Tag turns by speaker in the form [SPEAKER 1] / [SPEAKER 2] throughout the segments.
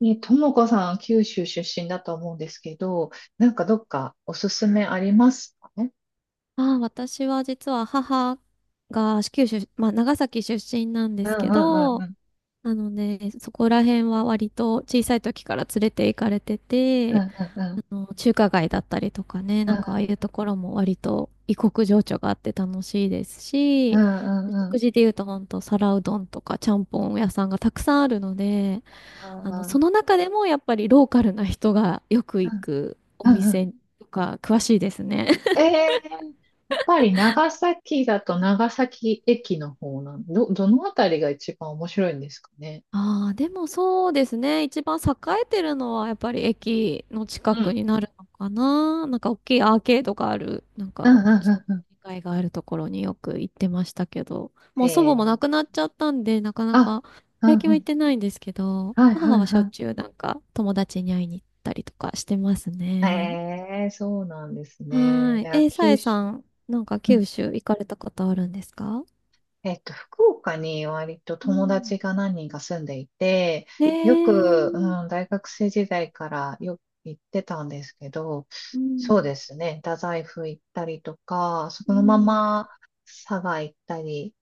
[SPEAKER 1] ね、ともこさん、九州出身だと思うんですけど、なんかどっかおすすめありますかね？
[SPEAKER 2] ああ、私は実は母が九州、まあ、長崎出身なんで
[SPEAKER 1] うん
[SPEAKER 2] すけ
[SPEAKER 1] うんうんう
[SPEAKER 2] ど、
[SPEAKER 1] ん。
[SPEAKER 2] なので、そこら辺は割と小さい時から連れて行かれて
[SPEAKER 1] うん
[SPEAKER 2] て、
[SPEAKER 1] うんうん
[SPEAKER 2] 中華街だったりとかね、
[SPEAKER 1] う
[SPEAKER 2] なん
[SPEAKER 1] ん
[SPEAKER 2] かああいうところも割と異国情緒があって楽しいです
[SPEAKER 1] う
[SPEAKER 2] し、
[SPEAKER 1] んうんう
[SPEAKER 2] 食
[SPEAKER 1] ん。
[SPEAKER 2] 事で言うと本当皿うどんとかちゃんぽん屋さんがたくさんあるので、
[SPEAKER 1] うんう
[SPEAKER 2] そ
[SPEAKER 1] ん
[SPEAKER 2] の中でもやっぱりローカルな人がよく行く
[SPEAKER 1] う
[SPEAKER 2] お
[SPEAKER 1] んうん。
[SPEAKER 2] 店とか詳しいですね。
[SPEAKER 1] ええー、やっぱり長崎だと長崎駅の方なん、どのあたりが一番面白いんですかね？
[SPEAKER 2] ああ、でもそうですね。一番栄えてるのはやっぱり駅の近
[SPEAKER 1] う
[SPEAKER 2] く
[SPEAKER 1] ん
[SPEAKER 2] になるのかな。なんか大きいアーケードがある、なん
[SPEAKER 1] うん
[SPEAKER 2] か
[SPEAKER 1] うん
[SPEAKER 2] 商店
[SPEAKER 1] うんうん。
[SPEAKER 2] 街があるところによく行ってましたけど、も
[SPEAKER 1] へ
[SPEAKER 2] う祖母
[SPEAKER 1] え。
[SPEAKER 2] も亡くなっちゃったんで、なかな
[SPEAKER 1] あ、
[SPEAKER 2] か
[SPEAKER 1] うん
[SPEAKER 2] 最近
[SPEAKER 1] う
[SPEAKER 2] は行っ
[SPEAKER 1] ん。
[SPEAKER 2] てないんですけど、
[SPEAKER 1] はいは
[SPEAKER 2] 母
[SPEAKER 1] い
[SPEAKER 2] はしょっ
[SPEAKER 1] は
[SPEAKER 2] ちゅうなんか友達に会いに行ったりとかしてます
[SPEAKER 1] い。
[SPEAKER 2] ね。
[SPEAKER 1] ええ、そうなんです
[SPEAKER 2] は
[SPEAKER 1] ね。
[SPEAKER 2] ー
[SPEAKER 1] い
[SPEAKER 2] い。
[SPEAKER 1] や、
[SPEAKER 2] さ
[SPEAKER 1] 九
[SPEAKER 2] え
[SPEAKER 1] 州。
[SPEAKER 2] さん、なんか九州行かれたことあるんですか？
[SPEAKER 1] 福岡に割と
[SPEAKER 2] う
[SPEAKER 1] 友
[SPEAKER 2] ん。
[SPEAKER 1] 達が何人か住んでいて、
[SPEAKER 2] ね
[SPEAKER 1] よく、うん、
[SPEAKER 2] え。
[SPEAKER 1] 大学生時代からよく行ってたんですけど、
[SPEAKER 2] う
[SPEAKER 1] そう
[SPEAKER 2] ん。
[SPEAKER 1] ですね、太宰府行ったりとか、
[SPEAKER 2] う
[SPEAKER 1] そのま
[SPEAKER 2] ん
[SPEAKER 1] ま佐賀行ったり、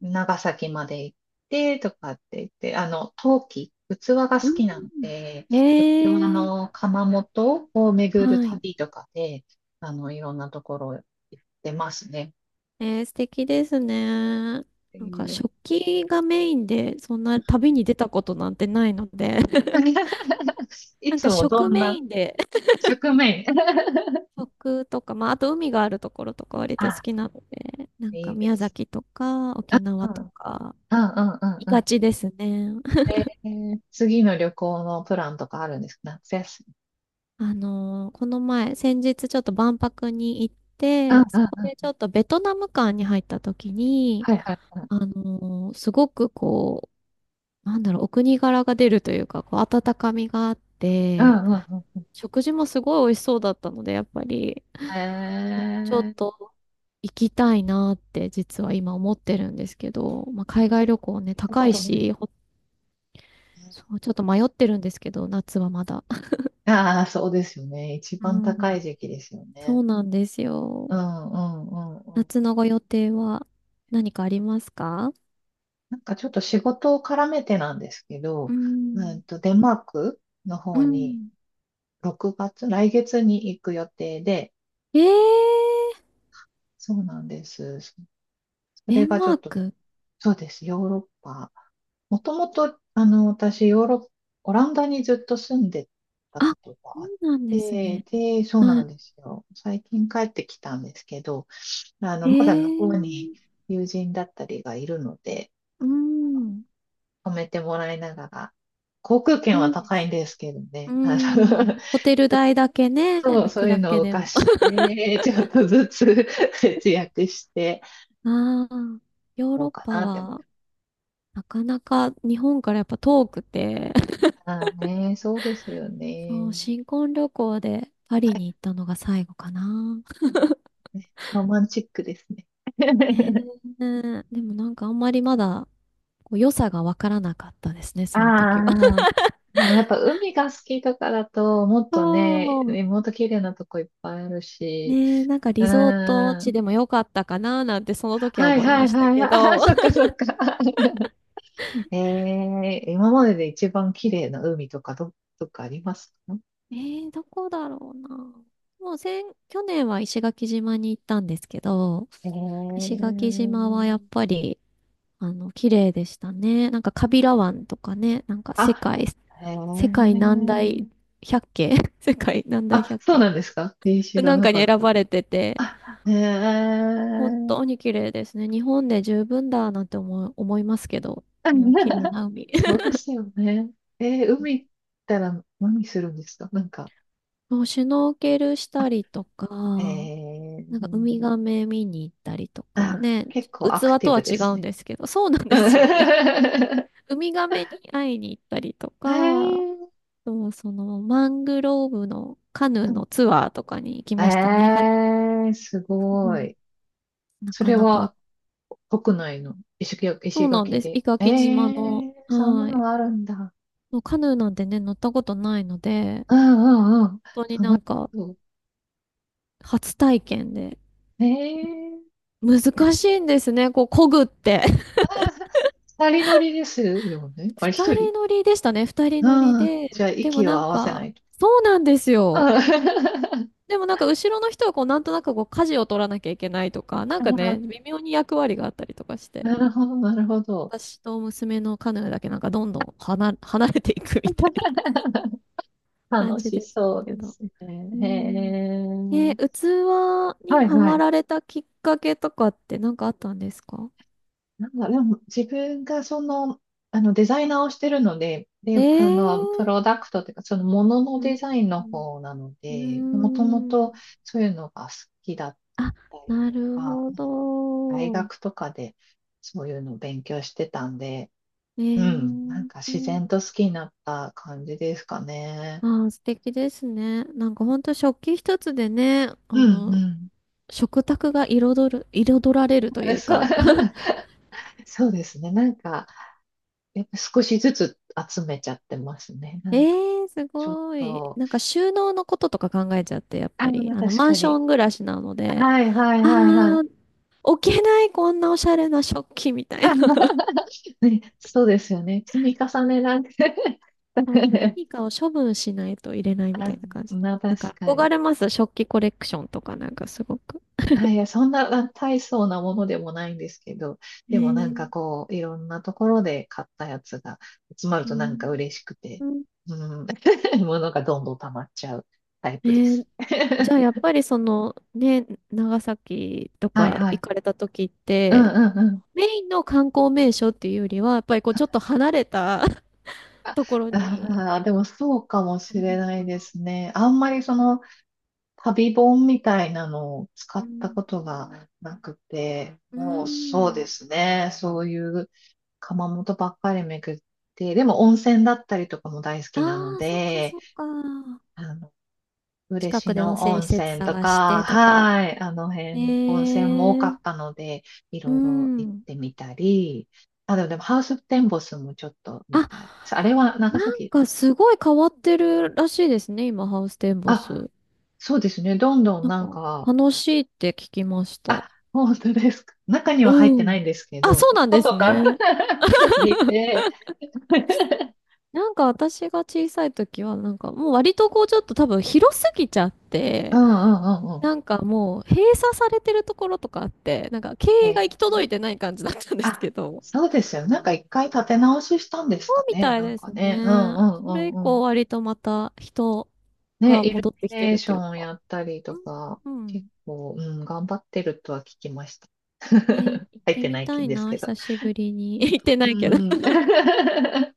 [SPEAKER 1] 長崎まで行ってとかって言って、器が好きなんで、
[SPEAKER 2] う
[SPEAKER 1] 器
[SPEAKER 2] ん、ええ、
[SPEAKER 1] の窯元を巡る
[SPEAKER 2] はい。
[SPEAKER 1] 旅とかで、いろんなところ行ってますね。
[SPEAKER 2] えー、素敵ですね。
[SPEAKER 1] って
[SPEAKER 2] なんか
[SPEAKER 1] いう
[SPEAKER 2] 食器がメインで、そんな旅に出たことなんてないので、
[SPEAKER 1] い
[SPEAKER 2] なん
[SPEAKER 1] つ
[SPEAKER 2] か
[SPEAKER 1] もど
[SPEAKER 2] 食
[SPEAKER 1] ん
[SPEAKER 2] メイ
[SPEAKER 1] な
[SPEAKER 2] ンで、
[SPEAKER 1] 食面
[SPEAKER 2] 食とか、まあ、あと海があるところとか割と好
[SPEAKER 1] あ、
[SPEAKER 2] きなので、なん
[SPEAKER 1] い
[SPEAKER 2] か
[SPEAKER 1] いで
[SPEAKER 2] 宮
[SPEAKER 1] す。
[SPEAKER 2] 崎とか沖
[SPEAKER 1] う
[SPEAKER 2] 縄
[SPEAKER 1] ん。
[SPEAKER 2] と
[SPEAKER 1] うん
[SPEAKER 2] か、
[SPEAKER 1] うん
[SPEAKER 2] 行
[SPEAKER 1] う
[SPEAKER 2] き
[SPEAKER 1] ん
[SPEAKER 2] が
[SPEAKER 1] う
[SPEAKER 2] ちですね。
[SPEAKER 1] ん。次の旅行のプランとかあるんですか夏休み？
[SPEAKER 2] この前、先日ちょっと万博に行っ
[SPEAKER 1] うん
[SPEAKER 2] て、
[SPEAKER 1] う
[SPEAKER 2] そ
[SPEAKER 1] ん
[SPEAKER 2] こで
[SPEAKER 1] う
[SPEAKER 2] ちょ
[SPEAKER 1] ん。
[SPEAKER 2] っとベトナム館に入った時に、
[SPEAKER 1] はいはいはい。
[SPEAKER 2] すごくこう、なんだろう、お国柄が出るというか、こう、温かみがあっ
[SPEAKER 1] う
[SPEAKER 2] て、
[SPEAKER 1] んうんうん。
[SPEAKER 2] 食事もすごい美味しそうだったので、やっぱり、
[SPEAKER 1] え
[SPEAKER 2] もうねちょっ
[SPEAKER 1] ー、
[SPEAKER 2] と行きたいなって実は今思ってるんですけど、まあ、海
[SPEAKER 1] そ
[SPEAKER 2] 外
[SPEAKER 1] れ行
[SPEAKER 2] 旅行ね、
[SPEAKER 1] ったこ
[SPEAKER 2] 高い
[SPEAKER 1] とない。
[SPEAKER 2] し、そう、ちょっと迷ってるんですけど、夏はまだ。
[SPEAKER 1] ああ、そうですよね。一
[SPEAKER 2] う
[SPEAKER 1] 番高い
[SPEAKER 2] ん、
[SPEAKER 1] 時期ですよ
[SPEAKER 2] そ
[SPEAKER 1] ね。
[SPEAKER 2] うなんです
[SPEAKER 1] う
[SPEAKER 2] よ。
[SPEAKER 1] んうんうんうん。
[SPEAKER 2] 夏のご予定は何かありますか？
[SPEAKER 1] なんかちょっと仕事を絡めてなんですけ
[SPEAKER 2] う
[SPEAKER 1] ど、
[SPEAKER 2] ん、
[SPEAKER 1] デンマークの
[SPEAKER 2] う
[SPEAKER 1] 方に
[SPEAKER 2] ん。
[SPEAKER 1] 6月、来月に行く予定で、
[SPEAKER 2] えー、
[SPEAKER 1] そうなんです。そそ
[SPEAKER 2] デ
[SPEAKER 1] れ
[SPEAKER 2] ン
[SPEAKER 1] がちょ
[SPEAKER 2] マー
[SPEAKER 1] っと、
[SPEAKER 2] ク。
[SPEAKER 1] そうです、ヨーロッパ。もともと、私、ヨーロッ、オランダにずっと住んでた
[SPEAKER 2] あ、そ
[SPEAKER 1] ことがあっ
[SPEAKER 2] うなんです
[SPEAKER 1] て、
[SPEAKER 2] ね。
[SPEAKER 1] で、そう
[SPEAKER 2] は
[SPEAKER 1] なん
[SPEAKER 2] い。
[SPEAKER 1] ですよ。最近帰ってきたんですけど、
[SPEAKER 2] え
[SPEAKER 1] まだ向
[SPEAKER 2] ー
[SPEAKER 1] こうに友人だったりがいるので、
[SPEAKER 2] うん。
[SPEAKER 1] 泊めてもらいながら、航空券は
[SPEAKER 2] いいで
[SPEAKER 1] 高いん
[SPEAKER 2] す。
[SPEAKER 1] ですけどね、
[SPEAKER 2] うん。ホテル代だけね、
[SPEAKER 1] そう、
[SPEAKER 2] 浮
[SPEAKER 1] そ
[SPEAKER 2] く
[SPEAKER 1] ういう
[SPEAKER 2] だけ
[SPEAKER 1] のを
[SPEAKER 2] でも。
[SPEAKER 1] 貸して、ちょっとずつ節約して、
[SPEAKER 2] ああ、ヨー
[SPEAKER 1] も
[SPEAKER 2] ロ
[SPEAKER 1] う
[SPEAKER 2] ッ
[SPEAKER 1] か
[SPEAKER 2] パ
[SPEAKER 1] なって、
[SPEAKER 2] は、なかなか日本からやっぱ遠くて、
[SPEAKER 1] ああね、そうですよ
[SPEAKER 2] そう、
[SPEAKER 1] ね。
[SPEAKER 2] 新婚旅行でパ
[SPEAKER 1] は
[SPEAKER 2] リ
[SPEAKER 1] い、
[SPEAKER 2] に行ったのが最後かな。
[SPEAKER 1] ロマンチックですね。
[SPEAKER 2] ね え、でもなんかあんまりまだ、こう良さがわからなかったですね、その時は。
[SPEAKER 1] ああ、でもやっぱ海が好きとかだと、もっとね、
[SPEAKER 2] そう。
[SPEAKER 1] もっと綺麗なとこいっぱいあるし、
[SPEAKER 2] ねえ、なんか
[SPEAKER 1] う
[SPEAKER 2] リゾート
[SPEAKER 1] ー
[SPEAKER 2] 地
[SPEAKER 1] ん。
[SPEAKER 2] でも良かったかななんてその時は
[SPEAKER 1] はい
[SPEAKER 2] 思い
[SPEAKER 1] は
[SPEAKER 2] ま
[SPEAKER 1] い
[SPEAKER 2] した
[SPEAKER 1] はい。
[SPEAKER 2] け
[SPEAKER 1] ああ、
[SPEAKER 2] ど。
[SPEAKER 1] そっかそっか。ええ、今までで一番綺麗な海とかど、どっかありますか？
[SPEAKER 2] どこだろうな。もう去年は石垣島に行ったんですけど、
[SPEAKER 1] え
[SPEAKER 2] 石
[SPEAKER 1] え、
[SPEAKER 2] 垣島はやっぱり、綺麗でしたね。なんか、カビラ湾とかね、なんか、世
[SPEAKER 1] あ、
[SPEAKER 2] 界、
[SPEAKER 1] え
[SPEAKER 2] 世界何
[SPEAKER 1] え、
[SPEAKER 2] 大百景 世界何大
[SPEAKER 1] あ、
[SPEAKER 2] 百
[SPEAKER 1] そう
[SPEAKER 2] 景
[SPEAKER 1] なんですか？えー、知ら
[SPEAKER 2] なん
[SPEAKER 1] な
[SPEAKER 2] か
[SPEAKER 1] か
[SPEAKER 2] に
[SPEAKER 1] っ
[SPEAKER 2] 選ば
[SPEAKER 1] た。
[SPEAKER 2] れてて、
[SPEAKER 1] あ、へ
[SPEAKER 2] 本当
[SPEAKER 1] え。
[SPEAKER 2] に綺麗ですね。日本で十分だなんて思いますけど、もう綺麗 な海。
[SPEAKER 1] そう ですよね。海行ったら何するんですかなんか、
[SPEAKER 2] もう、シュノーケルしたりと
[SPEAKER 1] え
[SPEAKER 2] か、なんかウミ
[SPEAKER 1] ー、
[SPEAKER 2] ガメ見に行ったりとか
[SPEAKER 1] あ、
[SPEAKER 2] ね、
[SPEAKER 1] 結構アク
[SPEAKER 2] 器
[SPEAKER 1] テ
[SPEAKER 2] と
[SPEAKER 1] ィブ
[SPEAKER 2] は
[SPEAKER 1] で
[SPEAKER 2] 違
[SPEAKER 1] す
[SPEAKER 2] うん
[SPEAKER 1] ね。
[SPEAKER 2] ですけど、そうなん ですよね。
[SPEAKER 1] え
[SPEAKER 2] ウミガメに会いに行ったりとか、
[SPEAKER 1] ー、
[SPEAKER 2] そのマングローブのカヌー
[SPEAKER 1] うん
[SPEAKER 2] のツアーとかに行きましたね。は、
[SPEAKER 1] えー、す
[SPEAKER 2] う
[SPEAKER 1] ご
[SPEAKER 2] ん、
[SPEAKER 1] い。
[SPEAKER 2] な
[SPEAKER 1] そ
[SPEAKER 2] か
[SPEAKER 1] れ
[SPEAKER 2] なか、
[SPEAKER 1] は国内の
[SPEAKER 2] そう
[SPEAKER 1] 石
[SPEAKER 2] なん
[SPEAKER 1] 垣
[SPEAKER 2] です。伊
[SPEAKER 1] で。え
[SPEAKER 2] 垣島の、
[SPEAKER 1] ー、そんな
[SPEAKER 2] はい。
[SPEAKER 1] のあるんだ。
[SPEAKER 2] もうカヌーなんてね、乗ったことないので、
[SPEAKER 1] うんうんうん。
[SPEAKER 2] 本当に
[SPEAKER 1] 楽
[SPEAKER 2] な
[SPEAKER 1] し
[SPEAKER 2] んか
[SPEAKER 1] そう。
[SPEAKER 2] 初体験で、
[SPEAKER 1] えー、
[SPEAKER 2] 難しいんですね、こう、漕ぐって。
[SPEAKER 1] ああ、二人乗りですよね。あれ、一
[SPEAKER 2] 二
[SPEAKER 1] 人。
[SPEAKER 2] 人乗りでしたね。二人乗り
[SPEAKER 1] ああ、
[SPEAKER 2] で。
[SPEAKER 1] じゃあ、
[SPEAKER 2] でも
[SPEAKER 1] 息を
[SPEAKER 2] なん
[SPEAKER 1] 合わせな
[SPEAKER 2] か、
[SPEAKER 1] いと。
[SPEAKER 2] そうなんですよ。
[SPEAKER 1] あー
[SPEAKER 2] でもなんか後ろの人はこうなんとなくこう舵を取らなきゃいけないとか、なん
[SPEAKER 1] あ
[SPEAKER 2] か
[SPEAKER 1] ー、
[SPEAKER 2] ね、微妙に役割があったりとかして、
[SPEAKER 1] なるほど、なるほど。
[SPEAKER 2] 私と娘のカヌーだけなんかどんどん離れていくみたいな感
[SPEAKER 1] 楽
[SPEAKER 2] じ
[SPEAKER 1] し
[SPEAKER 2] でした
[SPEAKER 1] そう
[SPEAKER 2] け
[SPEAKER 1] で
[SPEAKER 2] ど。
[SPEAKER 1] すね。
[SPEAKER 2] うん。
[SPEAKER 1] へえ。
[SPEAKER 2] 器に
[SPEAKER 1] はい
[SPEAKER 2] は
[SPEAKER 1] は
[SPEAKER 2] ま
[SPEAKER 1] い。
[SPEAKER 2] られたきっかけとかってなんかあったんですか？
[SPEAKER 1] なんだ、でも自分がデザイナーをしてるので、で、
[SPEAKER 2] えー、
[SPEAKER 1] プロダクトというか、そのものの
[SPEAKER 2] うん、
[SPEAKER 1] デザインの方なの
[SPEAKER 2] う
[SPEAKER 1] で、
[SPEAKER 2] ん、う
[SPEAKER 1] もとも
[SPEAKER 2] ー
[SPEAKER 1] と
[SPEAKER 2] ん、
[SPEAKER 1] そういうのが好きだっ
[SPEAKER 2] あ、
[SPEAKER 1] たり
[SPEAKER 2] な
[SPEAKER 1] と
[SPEAKER 2] る
[SPEAKER 1] か、
[SPEAKER 2] ほ
[SPEAKER 1] 大
[SPEAKER 2] ど。
[SPEAKER 1] 学とかでそういうのを勉強してたんで、
[SPEAKER 2] え
[SPEAKER 1] う
[SPEAKER 2] え
[SPEAKER 1] ん、なんか自然
[SPEAKER 2] ー、
[SPEAKER 1] と好きになった感じですかね。
[SPEAKER 2] ああ、素敵ですね。なんかほんと食器一つでね、
[SPEAKER 1] うんうん。
[SPEAKER 2] 食卓が彩る、彩られるとい う
[SPEAKER 1] そう、
[SPEAKER 2] か。
[SPEAKER 1] そうですね。なんか、やっぱ少しずつ集めちゃってますね。
[SPEAKER 2] え
[SPEAKER 1] なんか、
[SPEAKER 2] ー、す
[SPEAKER 1] ちょっ
[SPEAKER 2] ごい。
[SPEAKER 1] と、
[SPEAKER 2] なんか収納のこととか考えちゃって、やっ
[SPEAKER 1] あ
[SPEAKER 2] ぱり。
[SPEAKER 1] あ、確
[SPEAKER 2] マン
[SPEAKER 1] か
[SPEAKER 2] ショ
[SPEAKER 1] に。
[SPEAKER 2] ン暮らしなので、
[SPEAKER 1] はいはい
[SPEAKER 2] あ
[SPEAKER 1] はいはい。
[SPEAKER 2] あ、置けない、こんなおしゃれな食器みたいな。
[SPEAKER 1] そうですよね。積み重ねなんて
[SPEAKER 2] そう、 何かを処分しないと入れないみた
[SPEAKER 1] あ、
[SPEAKER 2] いな感じ。
[SPEAKER 1] まあ確
[SPEAKER 2] だから、
[SPEAKER 1] か
[SPEAKER 2] 憧
[SPEAKER 1] に。
[SPEAKER 2] れます。食器コレクションとかなんかすごく。
[SPEAKER 1] はい、いや、そんな大層なものでもないんですけど、
[SPEAKER 2] え
[SPEAKER 1] でもなんか
[SPEAKER 2] え、
[SPEAKER 1] こう、いろんなところで買ったやつが集まる
[SPEAKER 2] う
[SPEAKER 1] となん
[SPEAKER 2] ん。
[SPEAKER 1] か嬉しくて、
[SPEAKER 2] うん、
[SPEAKER 1] うん、物がどんどん溜まっちゃうタイ
[SPEAKER 2] え
[SPEAKER 1] プで
[SPEAKER 2] ー
[SPEAKER 1] す。
[SPEAKER 2] じゃ あやっぱりそのね、長崎と
[SPEAKER 1] はい
[SPEAKER 2] か
[SPEAKER 1] は
[SPEAKER 2] 行
[SPEAKER 1] い。
[SPEAKER 2] かれた時っ
[SPEAKER 1] うん
[SPEAKER 2] て、
[SPEAKER 1] うんうん。
[SPEAKER 2] メインの観光名所っていうよりは、やっぱりこうちょっと離れた ところに
[SPEAKER 1] ああ、でもそうかも
[SPEAKER 2] 行か
[SPEAKER 1] し
[SPEAKER 2] れ
[SPEAKER 1] れ
[SPEAKER 2] る
[SPEAKER 1] な
[SPEAKER 2] の
[SPEAKER 1] い
[SPEAKER 2] か
[SPEAKER 1] で
[SPEAKER 2] な。
[SPEAKER 1] すね。あんまりその旅本みたいなのを使
[SPEAKER 2] う
[SPEAKER 1] った
[SPEAKER 2] ん。
[SPEAKER 1] ことがなくて、
[SPEAKER 2] う
[SPEAKER 1] もうそう
[SPEAKER 2] ん。
[SPEAKER 1] ですね。そういう窯元ばっかり巡って、でも温泉だったりとかも大好
[SPEAKER 2] あ
[SPEAKER 1] きなの
[SPEAKER 2] あ、そっか
[SPEAKER 1] で、
[SPEAKER 2] そっか。
[SPEAKER 1] あの、
[SPEAKER 2] 近
[SPEAKER 1] 嬉
[SPEAKER 2] くで温
[SPEAKER 1] 野
[SPEAKER 2] 泉施
[SPEAKER 1] 温
[SPEAKER 2] 設
[SPEAKER 1] 泉と
[SPEAKER 2] 探し
[SPEAKER 1] か、
[SPEAKER 2] てとか。
[SPEAKER 1] はい、あの
[SPEAKER 2] え
[SPEAKER 1] 辺、温泉も多
[SPEAKER 2] え
[SPEAKER 1] か
[SPEAKER 2] ー、
[SPEAKER 1] ったので、い
[SPEAKER 2] う
[SPEAKER 1] ろいろ行っ
[SPEAKER 2] ん。
[SPEAKER 1] てみたり、あ、でもハウステンボスもちょっと見
[SPEAKER 2] あ、
[SPEAKER 1] たり。あれは長
[SPEAKER 2] なん
[SPEAKER 1] 崎。
[SPEAKER 2] かすごい変わってるらしいですね、今、ハウステンボ
[SPEAKER 1] あ、
[SPEAKER 2] ス。
[SPEAKER 1] そうですね。どんどん
[SPEAKER 2] なん
[SPEAKER 1] な
[SPEAKER 2] か
[SPEAKER 1] んか、
[SPEAKER 2] 楽しいって聞きました。
[SPEAKER 1] あ、本当ですか？中には入っ
[SPEAKER 2] う
[SPEAKER 1] てないん
[SPEAKER 2] ん。
[SPEAKER 1] ですけ
[SPEAKER 2] あ、
[SPEAKER 1] ど、
[SPEAKER 2] そう
[SPEAKER 1] ちょっ
[SPEAKER 2] な
[SPEAKER 1] と
[SPEAKER 2] んです
[SPEAKER 1] 外から
[SPEAKER 2] ね。
[SPEAKER 1] 見て、
[SPEAKER 2] なんか私が小さい時は、なんかもう割とこうちょっと多分広すぎちゃっ
[SPEAKER 1] うん
[SPEAKER 2] て、
[SPEAKER 1] うんうんうん。
[SPEAKER 2] なんかもう閉鎖されてるところとかあって、なんか経営が行き届いてない感じだったんです
[SPEAKER 1] あ、
[SPEAKER 2] けど、
[SPEAKER 1] そうですよ。なんか一回立て直ししたんです
[SPEAKER 2] そ
[SPEAKER 1] か
[SPEAKER 2] うみ
[SPEAKER 1] ね。
[SPEAKER 2] たい
[SPEAKER 1] なん
[SPEAKER 2] です
[SPEAKER 1] かね。うん
[SPEAKER 2] ね。
[SPEAKER 1] うんう
[SPEAKER 2] それ以
[SPEAKER 1] んうん。
[SPEAKER 2] 降割とまた人
[SPEAKER 1] ね、
[SPEAKER 2] が
[SPEAKER 1] イル
[SPEAKER 2] 戻って
[SPEAKER 1] ミ
[SPEAKER 2] きて
[SPEAKER 1] ネー
[SPEAKER 2] る
[SPEAKER 1] シ
[SPEAKER 2] という
[SPEAKER 1] ョン
[SPEAKER 2] か。
[SPEAKER 1] やったり
[SPEAKER 2] う
[SPEAKER 1] と
[SPEAKER 2] ん。
[SPEAKER 1] か、
[SPEAKER 2] う
[SPEAKER 1] 結
[SPEAKER 2] ん、
[SPEAKER 1] 構、うん、頑張ってるとは聞きました。
[SPEAKER 2] えー、 行ってみたいな、
[SPEAKER 1] けど。
[SPEAKER 2] 久しぶりに。行ってな
[SPEAKER 1] う
[SPEAKER 2] いけど。
[SPEAKER 1] ん。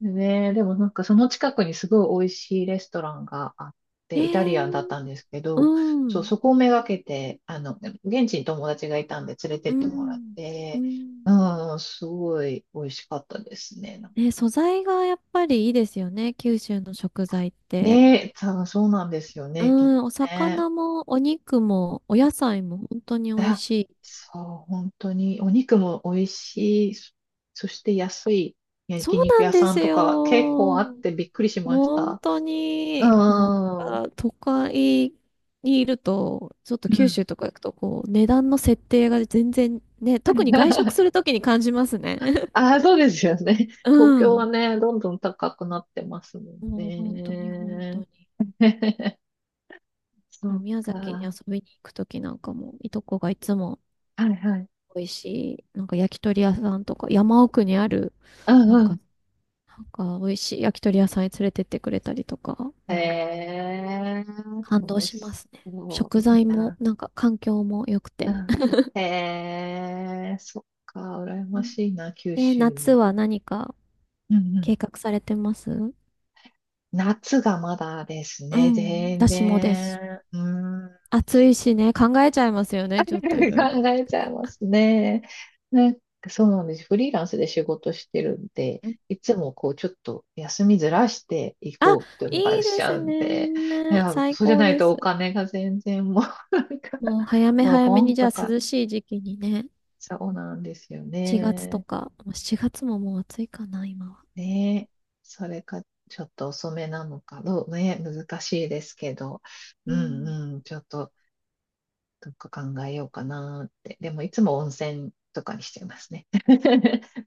[SPEAKER 1] ねえ、でもなんかその近くにすごい美味しいレストランがあっ
[SPEAKER 2] え
[SPEAKER 1] て、イタリアンだっ
[SPEAKER 2] ー、
[SPEAKER 1] たんですけ
[SPEAKER 2] う
[SPEAKER 1] ど、そう、
[SPEAKER 2] ん。
[SPEAKER 1] そこをめがけて、現地に友達がいたんで連れて
[SPEAKER 2] う
[SPEAKER 1] ってもらっ
[SPEAKER 2] ん。う
[SPEAKER 1] て、
[SPEAKER 2] ん。
[SPEAKER 1] うん、すごい美味しかったですね。
[SPEAKER 2] ね、素材がやっぱりいいですよね、九州の食材って。
[SPEAKER 1] ねえ、そうそうなんですよ
[SPEAKER 2] う
[SPEAKER 1] ね、きっ
[SPEAKER 2] ん、
[SPEAKER 1] と
[SPEAKER 2] お
[SPEAKER 1] ね。
[SPEAKER 2] 魚もお肉もお野菜も本当に美味
[SPEAKER 1] あ、
[SPEAKER 2] しい。
[SPEAKER 1] そう、本当に。お肉も美味しい。そして安い
[SPEAKER 2] そ
[SPEAKER 1] 焼
[SPEAKER 2] う
[SPEAKER 1] 肉
[SPEAKER 2] な
[SPEAKER 1] 屋
[SPEAKER 2] んで
[SPEAKER 1] さ
[SPEAKER 2] す
[SPEAKER 1] んとか結構あっ
[SPEAKER 2] よ。
[SPEAKER 1] てびっくりしまし
[SPEAKER 2] 本
[SPEAKER 1] た。
[SPEAKER 2] 当
[SPEAKER 1] う
[SPEAKER 2] に、もうなん
[SPEAKER 1] ーん。
[SPEAKER 2] か都会にいると、ちょっと
[SPEAKER 1] う
[SPEAKER 2] 九州
[SPEAKER 1] ん。
[SPEAKER 2] とか行くとこう、値段の設定が全然ね、特に外食する ときに感じますね。
[SPEAKER 1] ああ、そうですよね。
[SPEAKER 2] う
[SPEAKER 1] 東京は
[SPEAKER 2] ん。
[SPEAKER 1] ね、どんどん高くなってますもん
[SPEAKER 2] もう本当に本当
[SPEAKER 1] ね。
[SPEAKER 2] に。だ
[SPEAKER 1] そ
[SPEAKER 2] から
[SPEAKER 1] う
[SPEAKER 2] 宮
[SPEAKER 1] か。
[SPEAKER 2] 崎に遊
[SPEAKER 1] は
[SPEAKER 2] びに行くときなんかも、いとこがいつも
[SPEAKER 1] いはい。
[SPEAKER 2] 美味しい、なんか焼き鳥屋さんとか、山奥にある、
[SPEAKER 1] うん
[SPEAKER 2] なん
[SPEAKER 1] うん。
[SPEAKER 2] か、なんか美味しい焼き鳥屋さんに連れてってくれたりとか、
[SPEAKER 1] え
[SPEAKER 2] うん、
[SPEAKER 1] え、
[SPEAKER 2] 感動
[SPEAKER 1] 楽
[SPEAKER 2] しま
[SPEAKER 1] し
[SPEAKER 2] すね。
[SPEAKER 1] そう。
[SPEAKER 2] 食
[SPEAKER 1] いい
[SPEAKER 2] 材も、
[SPEAKER 1] な。
[SPEAKER 2] なんか環境も良く
[SPEAKER 1] う
[SPEAKER 2] て。
[SPEAKER 1] ん。へえ、そっか、羨
[SPEAKER 2] う
[SPEAKER 1] ま
[SPEAKER 2] ん、
[SPEAKER 1] しいな、九
[SPEAKER 2] え、
[SPEAKER 1] 州
[SPEAKER 2] 夏
[SPEAKER 1] に。
[SPEAKER 2] は何か
[SPEAKER 1] うんうん。
[SPEAKER 2] 計画されてます？
[SPEAKER 1] 夏がまだです
[SPEAKER 2] う
[SPEAKER 1] ね、
[SPEAKER 2] ん、
[SPEAKER 1] 全
[SPEAKER 2] 私もです。
[SPEAKER 1] 然。うーん。
[SPEAKER 2] 暑いしね、考えちゃいますよね、ちょっとい ろいろ。
[SPEAKER 1] 考えちゃいますね。なんかそうなんです。フリーランスで仕事してるんで、
[SPEAKER 2] うん、
[SPEAKER 1] いつもこう、ちょっと休みずらしてい
[SPEAKER 2] あ、
[SPEAKER 1] こうっていうの
[SPEAKER 2] い
[SPEAKER 1] が
[SPEAKER 2] い
[SPEAKER 1] し
[SPEAKER 2] で
[SPEAKER 1] ちゃ
[SPEAKER 2] す
[SPEAKER 1] うんで、い
[SPEAKER 2] ね。
[SPEAKER 1] や、
[SPEAKER 2] 最
[SPEAKER 1] そうじゃ
[SPEAKER 2] 高
[SPEAKER 1] ない
[SPEAKER 2] で
[SPEAKER 1] と
[SPEAKER 2] す。
[SPEAKER 1] お金が全然もう、なんか、
[SPEAKER 2] もう早め
[SPEAKER 1] もう
[SPEAKER 2] 早
[SPEAKER 1] ボ
[SPEAKER 2] め
[SPEAKER 1] ン
[SPEAKER 2] に、じゃ
[SPEAKER 1] と
[SPEAKER 2] あ
[SPEAKER 1] か、
[SPEAKER 2] 涼しい時期にね、
[SPEAKER 1] そうなんですよ
[SPEAKER 2] 7月と
[SPEAKER 1] ね。
[SPEAKER 2] か、まあ7月ももう暑いかな、今は。
[SPEAKER 1] ねえ、それか、ちょっと遅めなのか、どうね、難しいですけど、
[SPEAKER 2] う
[SPEAKER 1] うん
[SPEAKER 2] ん
[SPEAKER 1] うん、ちょっと、どっか考えようかなって。でも、いつも温泉とかにしてますね。